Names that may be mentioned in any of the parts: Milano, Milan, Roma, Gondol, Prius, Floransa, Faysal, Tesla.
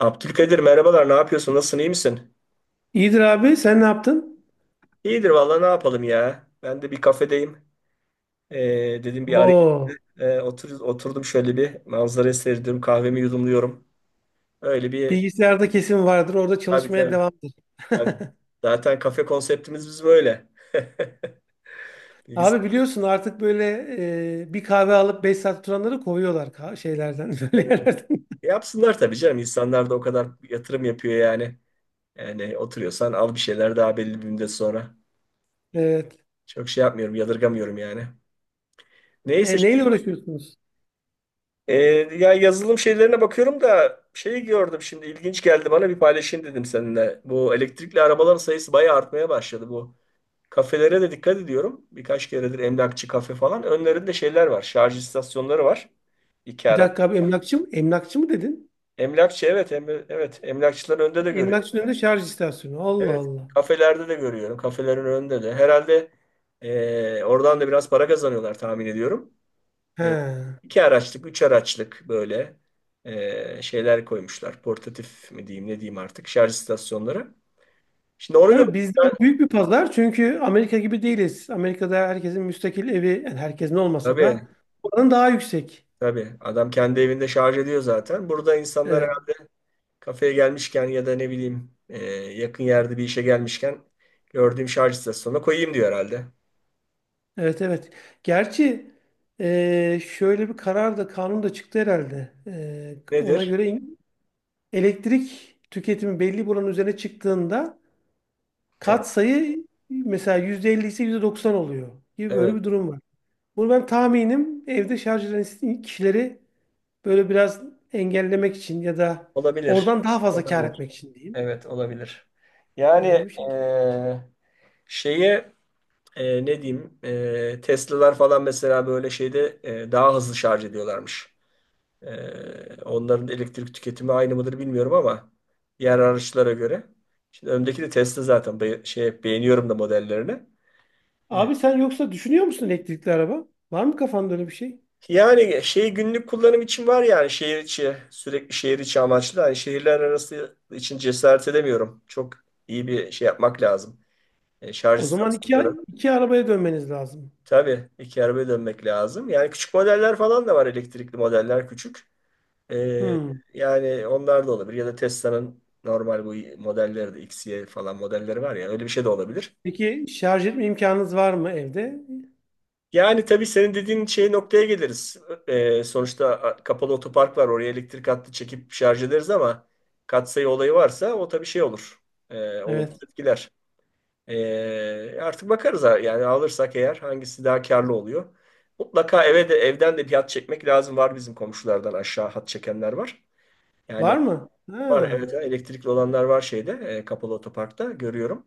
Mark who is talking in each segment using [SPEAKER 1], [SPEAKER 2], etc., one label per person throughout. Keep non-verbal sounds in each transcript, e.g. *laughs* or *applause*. [SPEAKER 1] Abdülkadir, merhabalar, ne yapıyorsun, nasılsın, iyi misin?
[SPEAKER 2] İyidir abi. Sen ne yaptın?
[SPEAKER 1] İyidir vallahi, ne yapalım ya, ben de bir kafedeyim. Ee, Dedim bir arayayım.
[SPEAKER 2] Oo,
[SPEAKER 1] Oturdum, şöyle bir manzara seyrediyorum, kahvemi yudumluyorum, öyle bir
[SPEAKER 2] bilgisayarda kesin vardır. Orada
[SPEAKER 1] tabii
[SPEAKER 2] çalışmaya
[SPEAKER 1] tabii,
[SPEAKER 2] devamdır.
[SPEAKER 1] tabii. Zaten kafe konseptimiz biz böyle. *laughs*
[SPEAKER 2] Abi
[SPEAKER 1] Bilgisayar-
[SPEAKER 2] biliyorsun artık böyle bir kahve alıp 5 saat oturanları kovuyorlar şeylerden, *laughs* böyle yerlerden.
[SPEAKER 1] yapsınlar tabii canım, insanlar da o kadar yatırım yapıyor yani. Yani oturuyorsan al bir şeyler daha belli bir müddet sonra.
[SPEAKER 2] Evet.
[SPEAKER 1] Çok şey yapmıyorum, yadırgamıyorum yani. Neyse.
[SPEAKER 2] Neyle uğraşıyorsunuz?
[SPEAKER 1] Ee, Ya, yazılım şeylerine bakıyorum da şeyi gördüm, şimdi ilginç geldi bana, bir paylaşayım dedim seninle. Bu elektrikli arabaların sayısı bayağı artmaya başladı bu. Kafelere de dikkat ediyorum. Birkaç keredir emlakçı, kafe falan. Önlerinde şeyler var. Şarj istasyonları var. İki
[SPEAKER 2] Bir
[SPEAKER 1] araç.
[SPEAKER 2] dakika abi emlakçı mı? Emlakçı mı dedin?
[SPEAKER 1] Emlakçı, evet, em- evet emlakçıların önünde de görüyorum.
[SPEAKER 2] Emlakçının önünde şarj istasyonu. Allah
[SPEAKER 1] Evet.
[SPEAKER 2] Allah.
[SPEAKER 1] Kafelerde de görüyorum. Kafelerin önünde de. Herhalde oradan da biraz para kazanıyorlar, tahmin ediyorum.
[SPEAKER 2] He.
[SPEAKER 1] E, iki araçlık, üç araçlık böyle şeyler koymuşlar. Portatif mi diyeyim, ne diyeyim artık, şarj istasyonları. Şimdi onu gördüm
[SPEAKER 2] Tabii bizde o
[SPEAKER 1] ben.
[SPEAKER 2] büyük bir pazar çünkü Amerika gibi değiliz. Amerika'da herkesin müstakil evi, yani herkesin olmasa da
[SPEAKER 1] Tabii,
[SPEAKER 2] oranın daha yüksek.
[SPEAKER 1] tabii. Adam kendi evinde şarj ediyor zaten. Burada insanlara
[SPEAKER 2] Evet.
[SPEAKER 1] kafeye gelmişken ya da ne bileyim yakın yerde bir işe gelmişken gördüğüm şarj istasyonuna koyayım diyor herhalde.
[SPEAKER 2] Evet evet. Gerçi şöyle bir karar da kanun da çıktı herhalde. Ona
[SPEAKER 1] Nedir?
[SPEAKER 2] göre elektrik tüketimi belli bir oranın üzerine çıktığında
[SPEAKER 1] Evet,
[SPEAKER 2] katsayı mesela %50 ise %90 oluyor gibi böyle
[SPEAKER 1] evet.
[SPEAKER 2] bir durum var. Bunu ben tahminim evde şarj eden kişileri böyle biraz engellemek için ya da
[SPEAKER 1] Olabilir.
[SPEAKER 2] oradan daha fazla kâr
[SPEAKER 1] Olabilir.
[SPEAKER 2] etmek için diyeyim.
[SPEAKER 1] Evet, olabilir.
[SPEAKER 2] Böyle
[SPEAKER 1] Yani
[SPEAKER 2] bir şey.
[SPEAKER 1] e, şeye ne diyeyim, Tesla'lar falan mesela böyle şeyde daha hızlı şarj ediyorlarmış. Onların elektrik tüketimi aynı mıdır bilmiyorum ama diğer araçlara göre. Şimdi öndeki de Tesla zaten. Be- şey beğeniyorum da modellerini. E,
[SPEAKER 2] Abi sen yoksa düşünüyor musun elektrikli araba? Var mı kafanda öyle bir şey?
[SPEAKER 1] Yani şey, günlük kullanım için var yani, şehir içi, sürekli şehir içi amaçlı. Hani şehirler arası için cesaret edemiyorum. Çok iyi bir şey yapmak lazım. Şarj
[SPEAKER 2] O zaman iki,
[SPEAKER 1] istasyonları.
[SPEAKER 2] iki arabaya dönmeniz lazım.
[SPEAKER 1] Tabii iki arabaya dönmek lazım. Yani küçük modeller falan da var, elektrikli modeller küçük. Ee,
[SPEAKER 2] Hmm.
[SPEAKER 1] Yani onlar da olabilir. Ya da Tesla'nın normal bu modelleri de, X Y falan modelleri var ya, öyle bir şey de olabilir.
[SPEAKER 2] Peki şarj etme imkanınız var mı evde?
[SPEAKER 1] Yani tabii senin dediğin şey noktaya geliriz. Sonuçta a- kapalı otopark var. Oraya elektrik hattı çekip şarj ederiz ama katsayı olayı varsa o tabii şey olur. Olumsuz
[SPEAKER 2] Evet.
[SPEAKER 1] etkiler. Artık bakarız ha- yani alırsak eğer hangisi daha karlı oluyor. Mutlaka eve de, evden de bir hat çekmek lazım. Var, bizim komşulardan aşağı hat çekenler var.
[SPEAKER 2] Var
[SPEAKER 1] Yani
[SPEAKER 2] mı?
[SPEAKER 1] var,
[SPEAKER 2] Ha.
[SPEAKER 1] evet, evet. Elektrikli olanlar var şeyde, kapalı otoparkta görüyorum.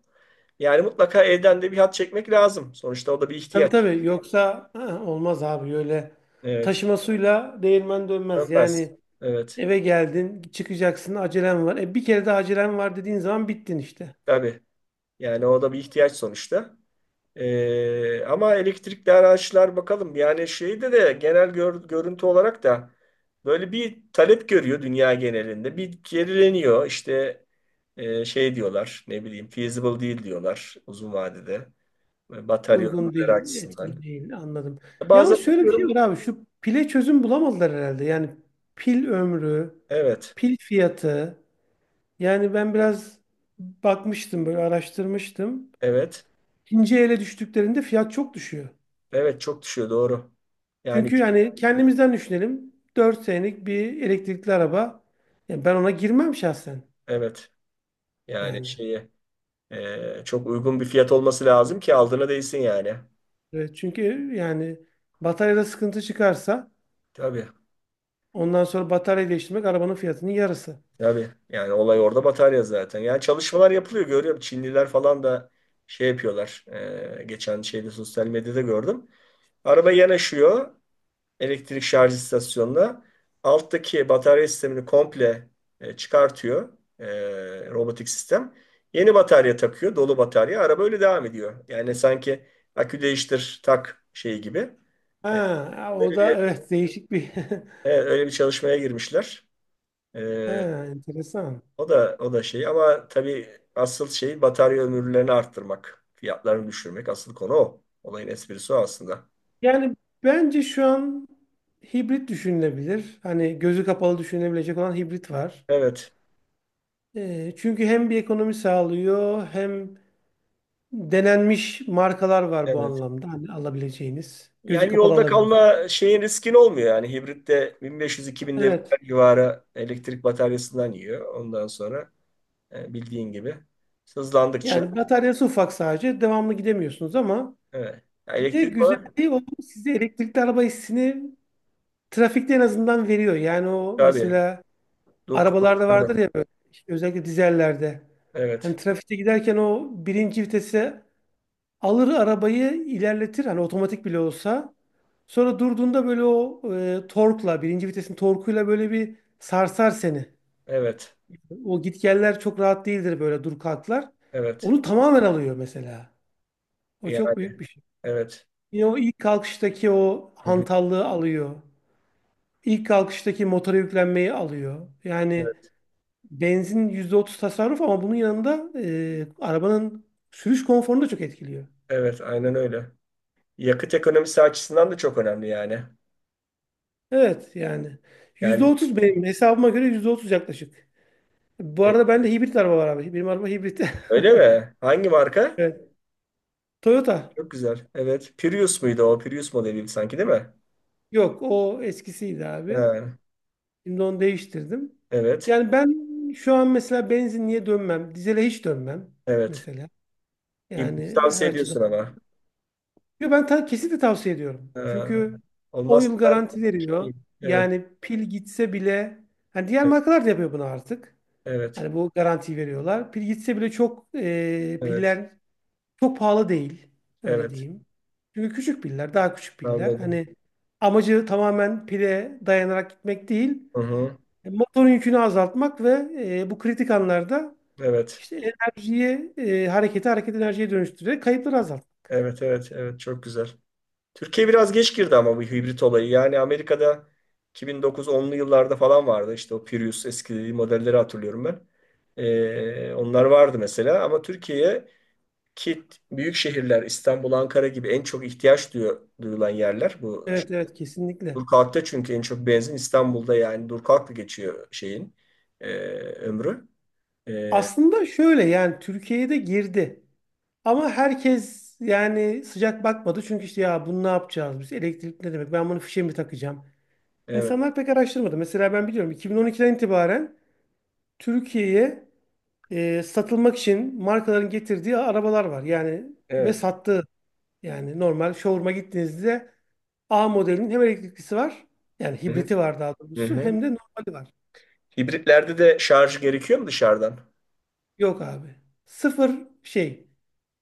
[SPEAKER 1] Yani mutlaka evden de bir hat çekmek lazım. Sonuçta o da bir
[SPEAKER 2] Tabii
[SPEAKER 1] ihtiyaç.
[SPEAKER 2] tabii. Yoksa ha, olmaz abi öyle.
[SPEAKER 1] Evet.
[SPEAKER 2] Taşımasıyla değirmen dönmez.
[SPEAKER 1] Dönmez.
[SPEAKER 2] Yani
[SPEAKER 1] Evet.
[SPEAKER 2] eve geldin, çıkacaksın, acelen var. Bir kere de acelen var dediğin zaman bittin işte.
[SPEAKER 1] Tabii. Yani o da bir ihtiyaç sonuçta. Ama elektrikli araçlar bakalım. Yani şeyde de genel gör- görüntü olarak da böyle bir talep görüyor dünya genelinde. Bir gerileniyor. İşte şey diyorlar, ne bileyim, feasible değil diyorlar uzun vadede. Batarya
[SPEAKER 2] Uygun
[SPEAKER 1] ömürleri
[SPEAKER 2] değil,
[SPEAKER 1] açısından.
[SPEAKER 2] etkin değil. Anladım. Yalnız
[SPEAKER 1] Bazen
[SPEAKER 2] şöyle bir şey var
[SPEAKER 1] bakıyorum.
[SPEAKER 2] abi. Şu pile çözüm bulamadılar herhalde. Yani pil ömrü,
[SPEAKER 1] Evet.
[SPEAKER 2] pil fiyatı. Yani ben biraz bakmıştım böyle araştırmıştım.
[SPEAKER 1] Evet.
[SPEAKER 2] İkinci ele düştüklerinde fiyat çok düşüyor.
[SPEAKER 1] Evet, çok düşüyor, doğru. Yani
[SPEAKER 2] Çünkü yani kendimizden düşünelim. 4 senelik bir elektrikli araba. Ya ben ona girmem şahsen.
[SPEAKER 1] evet. Yani
[SPEAKER 2] Yani.
[SPEAKER 1] şeye çok uygun bir fiyat olması lazım ki aldığına değsin yani.
[SPEAKER 2] Evet, çünkü yani bataryada sıkıntı çıkarsa
[SPEAKER 1] Tabii.
[SPEAKER 2] ondan sonra batarya değiştirmek arabanın fiyatının yarısı.
[SPEAKER 1] Tabii. Yani olay orada, batarya zaten. Yani çalışmalar yapılıyor, görüyorum. Çinliler falan da şey yapıyorlar. Geçen şeyde sosyal medyada gördüm. Araba yanaşıyor elektrik şarj istasyonuna. Alttaki batarya sistemini komple çıkartıyor robotik sistem. Yeni batarya takıyor, dolu batarya. Araba öyle devam ediyor. Yani sanki akü değiştir tak şeyi gibi. E,
[SPEAKER 2] Ha, o
[SPEAKER 1] öyle
[SPEAKER 2] da *laughs*
[SPEAKER 1] bir,
[SPEAKER 2] evet değişik bir *laughs*
[SPEAKER 1] evet, öyle bir çalışmaya girmişler. E,
[SPEAKER 2] ha, enteresan.
[SPEAKER 1] O da, o da şey ama tabii asıl şey batarya ömürlerini arttırmak, fiyatlarını düşürmek. Asıl konu o. Olayın esprisi o aslında.
[SPEAKER 2] Yani bence şu an hibrit düşünülebilir. Hani gözü kapalı düşünülebilecek olan hibrit var.
[SPEAKER 1] Evet,
[SPEAKER 2] Çünkü hem bir ekonomi sağlıyor hem denenmiş markalar var bu
[SPEAKER 1] evet.
[SPEAKER 2] anlamda. Hani alabileceğiniz. Gözü
[SPEAKER 1] Yani
[SPEAKER 2] kapalı
[SPEAKER 1] yolda
[SPEAKER 2] alabileceğiniz.
[SPEAKER 1] kalma şeyin, riskin olmuyor yani. Hibritte 1500-2000
[SPEAKER 2] Evet.
[SPEAKER 1] devirler civarı elektrik bataryasından yiyor. Ondan sonra bildiğin gibi hızlandıkça
[SPEAKER 2] Yani bataryası ufak sadece. Devamlı gidemiyorsunuz ama
[SPEAKER 1] evet. Ya,
[SPEAKER 2] bir de
[SPEAKER 1] elektrik var
[SPEAKER 2] güzelliği o size elektrikli araba hissini trafikte en azından veriyor. Yani o
[SPEAKER 1] tabii.
[SPEAKER 2] mesela
[SPEAKER 1] Dur
[SPEAKER 2] arabalarda
[SPEAKER 1] kalklarda.
[SPEAKER 2] vardır ya böyle, işte özellikle dizellerde. Hani
[SPEAKER 1] Evet.
[SPEAKER 2] trafikte giderken o birinci vitese alır arabayı ilerletir. Hani otomatik bile olsa. Sonra durduğunda böyle o torkla, birinci vitesin torkuyla böyle bir sarsar seni.
[SPEAKER 1] Evet.
[SPEAKER 2] O gitgeller çok rahat değildir böyle dur kalklar.
[SPEAKER 1] Evet.
[SPEAKER 2] Onu tamamen alıyor mesela. O
[SPEAKER 1] Yani
[SPEAKER 2] çok büyük bir şey.
[SPEAKER 1] evet.
[SPEAKER 2] Yine o ilk kalkıştaki o
[SPEAKER 1] Hı hı.
[SPEAKER 2] hantallığı alıyor. İlk kalkıştaki motora yüklenmeyi alıyor. Yani
[SPEAKER 1] Evet.
[SPEAKER 2] benzin %30 tasarruf ama bunun yanında arabanın sürüş konforunu da çok etkiliyor.
[SPEAKER 1] Evet, aynen öyle. Yakıt ekonomisi açısından da çok önemli yani.
[SPEAKER 2] Evet yani yüzde
[SPEAKER 1] Yani
[SPEAKER 2] otuz benim hesabıma göre %30 yaklaşık. Bu
[SPEAKER 1] e,
[SPEAKER 2] arada bende hibrit araba var abi. Benim araba hibrit. *laughs*
[SPEAKER 1] öyle mi? Hangi marka?
[SPEAKER 2] Evet. Toyota.
[SPEAKER 1] Çok güzel. Evet. Prius muydu o? Prius modeli sanki, değil mi?
[SPEAKER 2] Yok o eskisiydi abi.
[SPEAKER 1] Ha,
[SPEAKER 2] Şimdi onu değiştirdim.
[SPEAKER 1] evet.
[SPEAKER 2] Yani ben şu an mesela benzinliğe dönmem. Dizele hiç dönmem
[SPEAKER 1] Evet.
[SPEAKER 2] mesela.
[SPEAKER 1] İbrik'i
[SPEAKER 2] Yani her
[SPEAKER 1] tavsiye
[SPEAKER 2] açıdan.
[SPEAKER 1] ediyorsun ama.
[SPEAKER 2] Yo, ben kesinlikle tavsiye ediyorum.
[SPEAKER 1] Ee,
[SPEAKER 2] Çünkü 10
[SPEAKER 1] Olmazsa
[SPEAKER 2] yıl
[SPEAKER 1] ben...
[SPEAKER 2] garanti veriyor.
[SPEAKER 1] Evet,
[SPEAKER 2] Yani pil gitse bile hani diğer markalar da yapıyor bunu artık.
[SPEAKER 1] evet,
[SPEAKER 2] Hani bu garantiyi veriyorlar. Pil gitse bile çok
[SPEAKER 1] evet,
[SPEAKER 2] piller çok pahalı değil. Öyle
[SPEAKER 1] evet.
[SPEAKER 2] diyeyim. Çünkü küçük piller, daha küçük piller.
[SPEAKER 1] Anladım.
[SPEAKER 2] Hani amacı tamamen pile dayanarak gitmek değil.
[SPEAKER 1] Hı hı.
[SPEAKER 2] Motorun yükünü azaltmak ve bu kritik anlarda
[SPEAKER 1] Evet,
[SPEAKER 2] işte enerjiyi, hareketi hareket enerjiye dönüştürerek kayıpları azaltmak.
[SPEAKER 1] evet, evet, evet. Çok güzel. Türkiye biraz geç girdi ama bu hibrit olayı. Yani Amerika'da 2009-10'lu yıllarda falan vardı. İşte o Prius eski modelleri hatırlıyorum ben. Onlar vardı mesela ama Türkiye'ye ki büyük şehirler, İstanbul, Ankara gibi en çok ihtiyaç duyu- duyulan yerler bu
[SPEAKER 2] Evet evet kesinlikle.
[SPEAKER 1] Durkak'ta, çünkü en çok benzin İstanbul'da yani Durkak'la geçiyor şeyin ömrü. E,
[SPEAKER 2] Aslında şöyle yani Türkiye'ye de girdi. Ama herkes yani sıcak bakmadı. Çünkü işte ya bunu ne yapacağız biz? Elektrik ne demek? Ben bunu fişe mi takacağım?
[SPEAKER 1] evet,
[SPEAKER 2] İnsanlar pek araştırmadı. Mesela ben biliyorum 2012'den itibaren Türkiye'ye satılmak için markaların getirdiği arabalar var. Yani ve
[SPEAKER 1] evet.
[SPEAKER 2] sattığı yani normal showroom'a gittiğinizde A modelinin hem elektriklisi var yani
[SPEAKER 1] Hı hı,
[SPEAKER 2] hibriti var daha
[SPEAKER 1] hı
[SPEAKER 2] doğrusu
[SPEAKER 1] hı.
[SPEAKER 2] hem de normali var.
[SPEAKER 1] Hibritlerde de şarj gerekiyor mu dışarıdan?
[SPEAKER 2] Yok abi. Sıfır şey.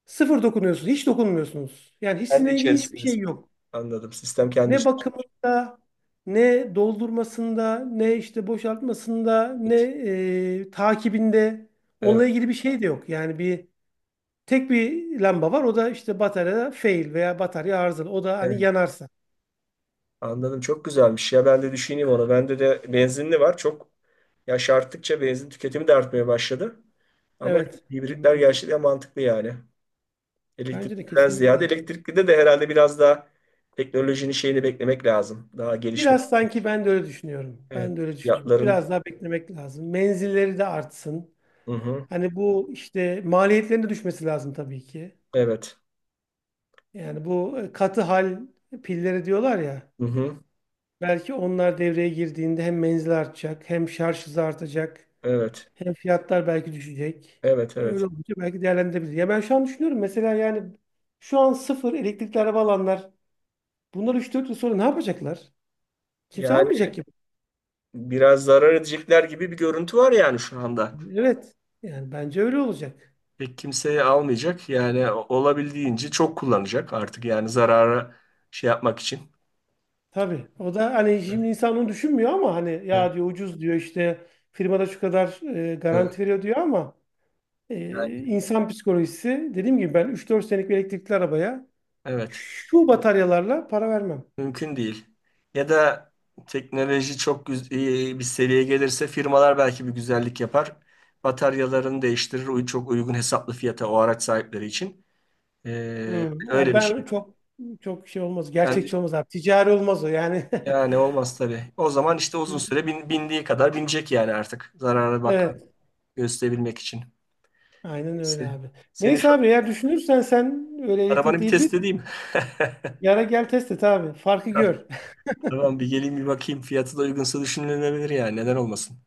[SPEAKER 2] Sıfır dokunuyorsunuz. Hiç dokunmuyorsunuz. Yani hiç
[SPEAKER 1] Kendi
[SPEAKER 2] sizinle ilgili hiçbir
[SPEAKER 1] içerisinde.
[SPEAKER 2] şey yok.
[SPEAKER 1] Anladım. Sistem kendi
[SPEAKER 2] Ne
[SPEAKER 1] içerisinde.
[SPEAKER 2] bakımında, ne doldurmasında, ne işte boşaltmasında, ne
[SPEAKER 1] Evet,
[SPEAKER 2] takibinde
[SPEAKER 1] evet.
[SPEAKER 2] onunla ilgili bir şey de yok. Yani bir tek bir lamba var. O da işte bataryada fail veya batarya arızalı. O da hani
[SPEAKER 1] Evet.
[SPEAKER 2] yanarsa.
[SPEAKER 1] Anladım. Çok güzelmiş ya. Ben de düşüneyim onu. Bende de benzinli var. Çok, yaş arttıkça benzin tüketimi de artmaya başladı. Ama
[SPEAKER 2] Evet.
[SPEAKER 1] hibritler
[SPEAKER 2] Anladım.
[SPEAKER 1] gerçekten mantıklı yani.
[SPEAKER 2] Bence de
[SPEAKER 1] Elektrikliden ziyade,
[SPEAKER 2] kesinlikle.
[SPEAKER 1] elektrikli de herhalde biraz daha teknolojinin şeyini beklemek lazım. Daha gelişmesi.
[SPEAKER 2] Biraz sanki ben de öyle düşünüyorum.
[SPEAKER 1] Evet.
[SPEAKER 2] Ben de öyle düşünüyorum.
[SPEAKER 1] Fiyatların.
[SPEAKER 2] Biraz daha beklemek lazım. Menzilleri de artsın.
[SPEAKER 1] Hı hı.
[SPEAKER 2] Hani bu işte maliyetlerine düşmesi lazım tabii ki.
[SPEAKER 1] Evet.
[SPEAKER 2] Yani bu katı hal pilleri diyorlar ya.
[SPEAKER 1] Hı hı.
[SPEAKER 2] Belki onlar devreye girdiğinde hem menzil artacak, hem şarj hızı artacak,
[SPEAKER 1] Evet.
[SPEAKER 2] hem fiyatlar belki düşecek.
[SPEAKER 1] Evet. Evet.
[SPEAKER 2] Öyle olunca belki değerlendirebilir. Ya ben şu an düşünüyorum mesela yani şu an sıfır elektrikli araba alanlar bunlar 3-4 yıl sonra ne yapacaklar? Kimse
[SPEAKER 1] Yani
[SPEAKER 2] almayacak gibi.
[SPEAKER 1] biraz zarar edecekler gibi bir görüntü var yani şu anda.
[SPEAKER 2] Evet. Yani bence öyle olacak.
[SPEAKER 1] Pek kimseye almayacak. Yani o- olabildiğince çok kullanacak artık yani, zarara şey yapmak için.
[SPEAKER 2] Tabii. O da hani şimdi insan onu düşünmüyor ama hani
[SPEAKER 1] Evet.
[SPEAKER 2] ya diyor ucuz diyor işte firmada şu kadar
[SPEAKER 1] Evet.
[SPEAKER 2] garanti veriyor diyor ama insan psikolojisi dediğim gibi ben 3-4 senelik bir elektrikli arabaya
[SPEAKER 1] Evet.
[SPEAKER 2] şu bataryalarla para vermem.
[SPEAKER 1] Mümkün değil. Ya da teknoloji çok güz- iyi bir seviyeye gelirse, firmalar belki bir güzellik yapar. Bataryalarını değiştirir. Uy- Çok uygun hesaplı fiyata o araç sahipleri için. Ee,
[SPEAKER 2] Hmm, ya
[SPEAKER 1] Öyle bir şey.
[SPEAKER 2] ben çok çok şey olmaz.
[SPEAKER 1] Yani,
[SPEAKER 2] Gerçekçi olmaz abi. Ticari olmaz o yani. *laughs*
[SPEAKER 1] yani olmaz tabii. O zaman işte uzun süre bin- bindiği kadar binecek yani artık. Zarara bak
[SPEAKER 2] Evet.
[SPEAKER 1] gösterebilmek için.
[SPEAKER 2] Aynen öyle
[SPEAKER 1] Neyse.
[SPEAKER 2] abi.
[SPEAKER 1] Senin
[SPEAKER 2] Neyse
[SPEAKER 1] şu
[SPEAKER 2] abi eğer düşünürsen sen öyle
[SPEAKER 1] arabanı
[SPEAKER 2] elektrikli
[SPEAKER 1] bir
[SPEAKER 2] hibrit
[SPEAKER 1] test edeyim. *laughs*
[SPEAKER 2] yara gel test et abi. Farkı gör.
[SPEAKER 1] Tamam, bir geleyim, bir bakayım. Fiyatı da uygunsa düşünülebilir yani. Neden olmasın?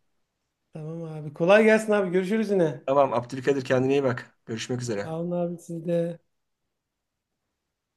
[SPEAKER 2] *laughs* Tamam abi. Kolay gelsin abi. Görüşürüz yine.
[SPEAKER 1] Tamam Abdülkadir, kendine iyi bak. Görüşmek üzere.
[SPEAKER 2] Sağ olun abi siz de.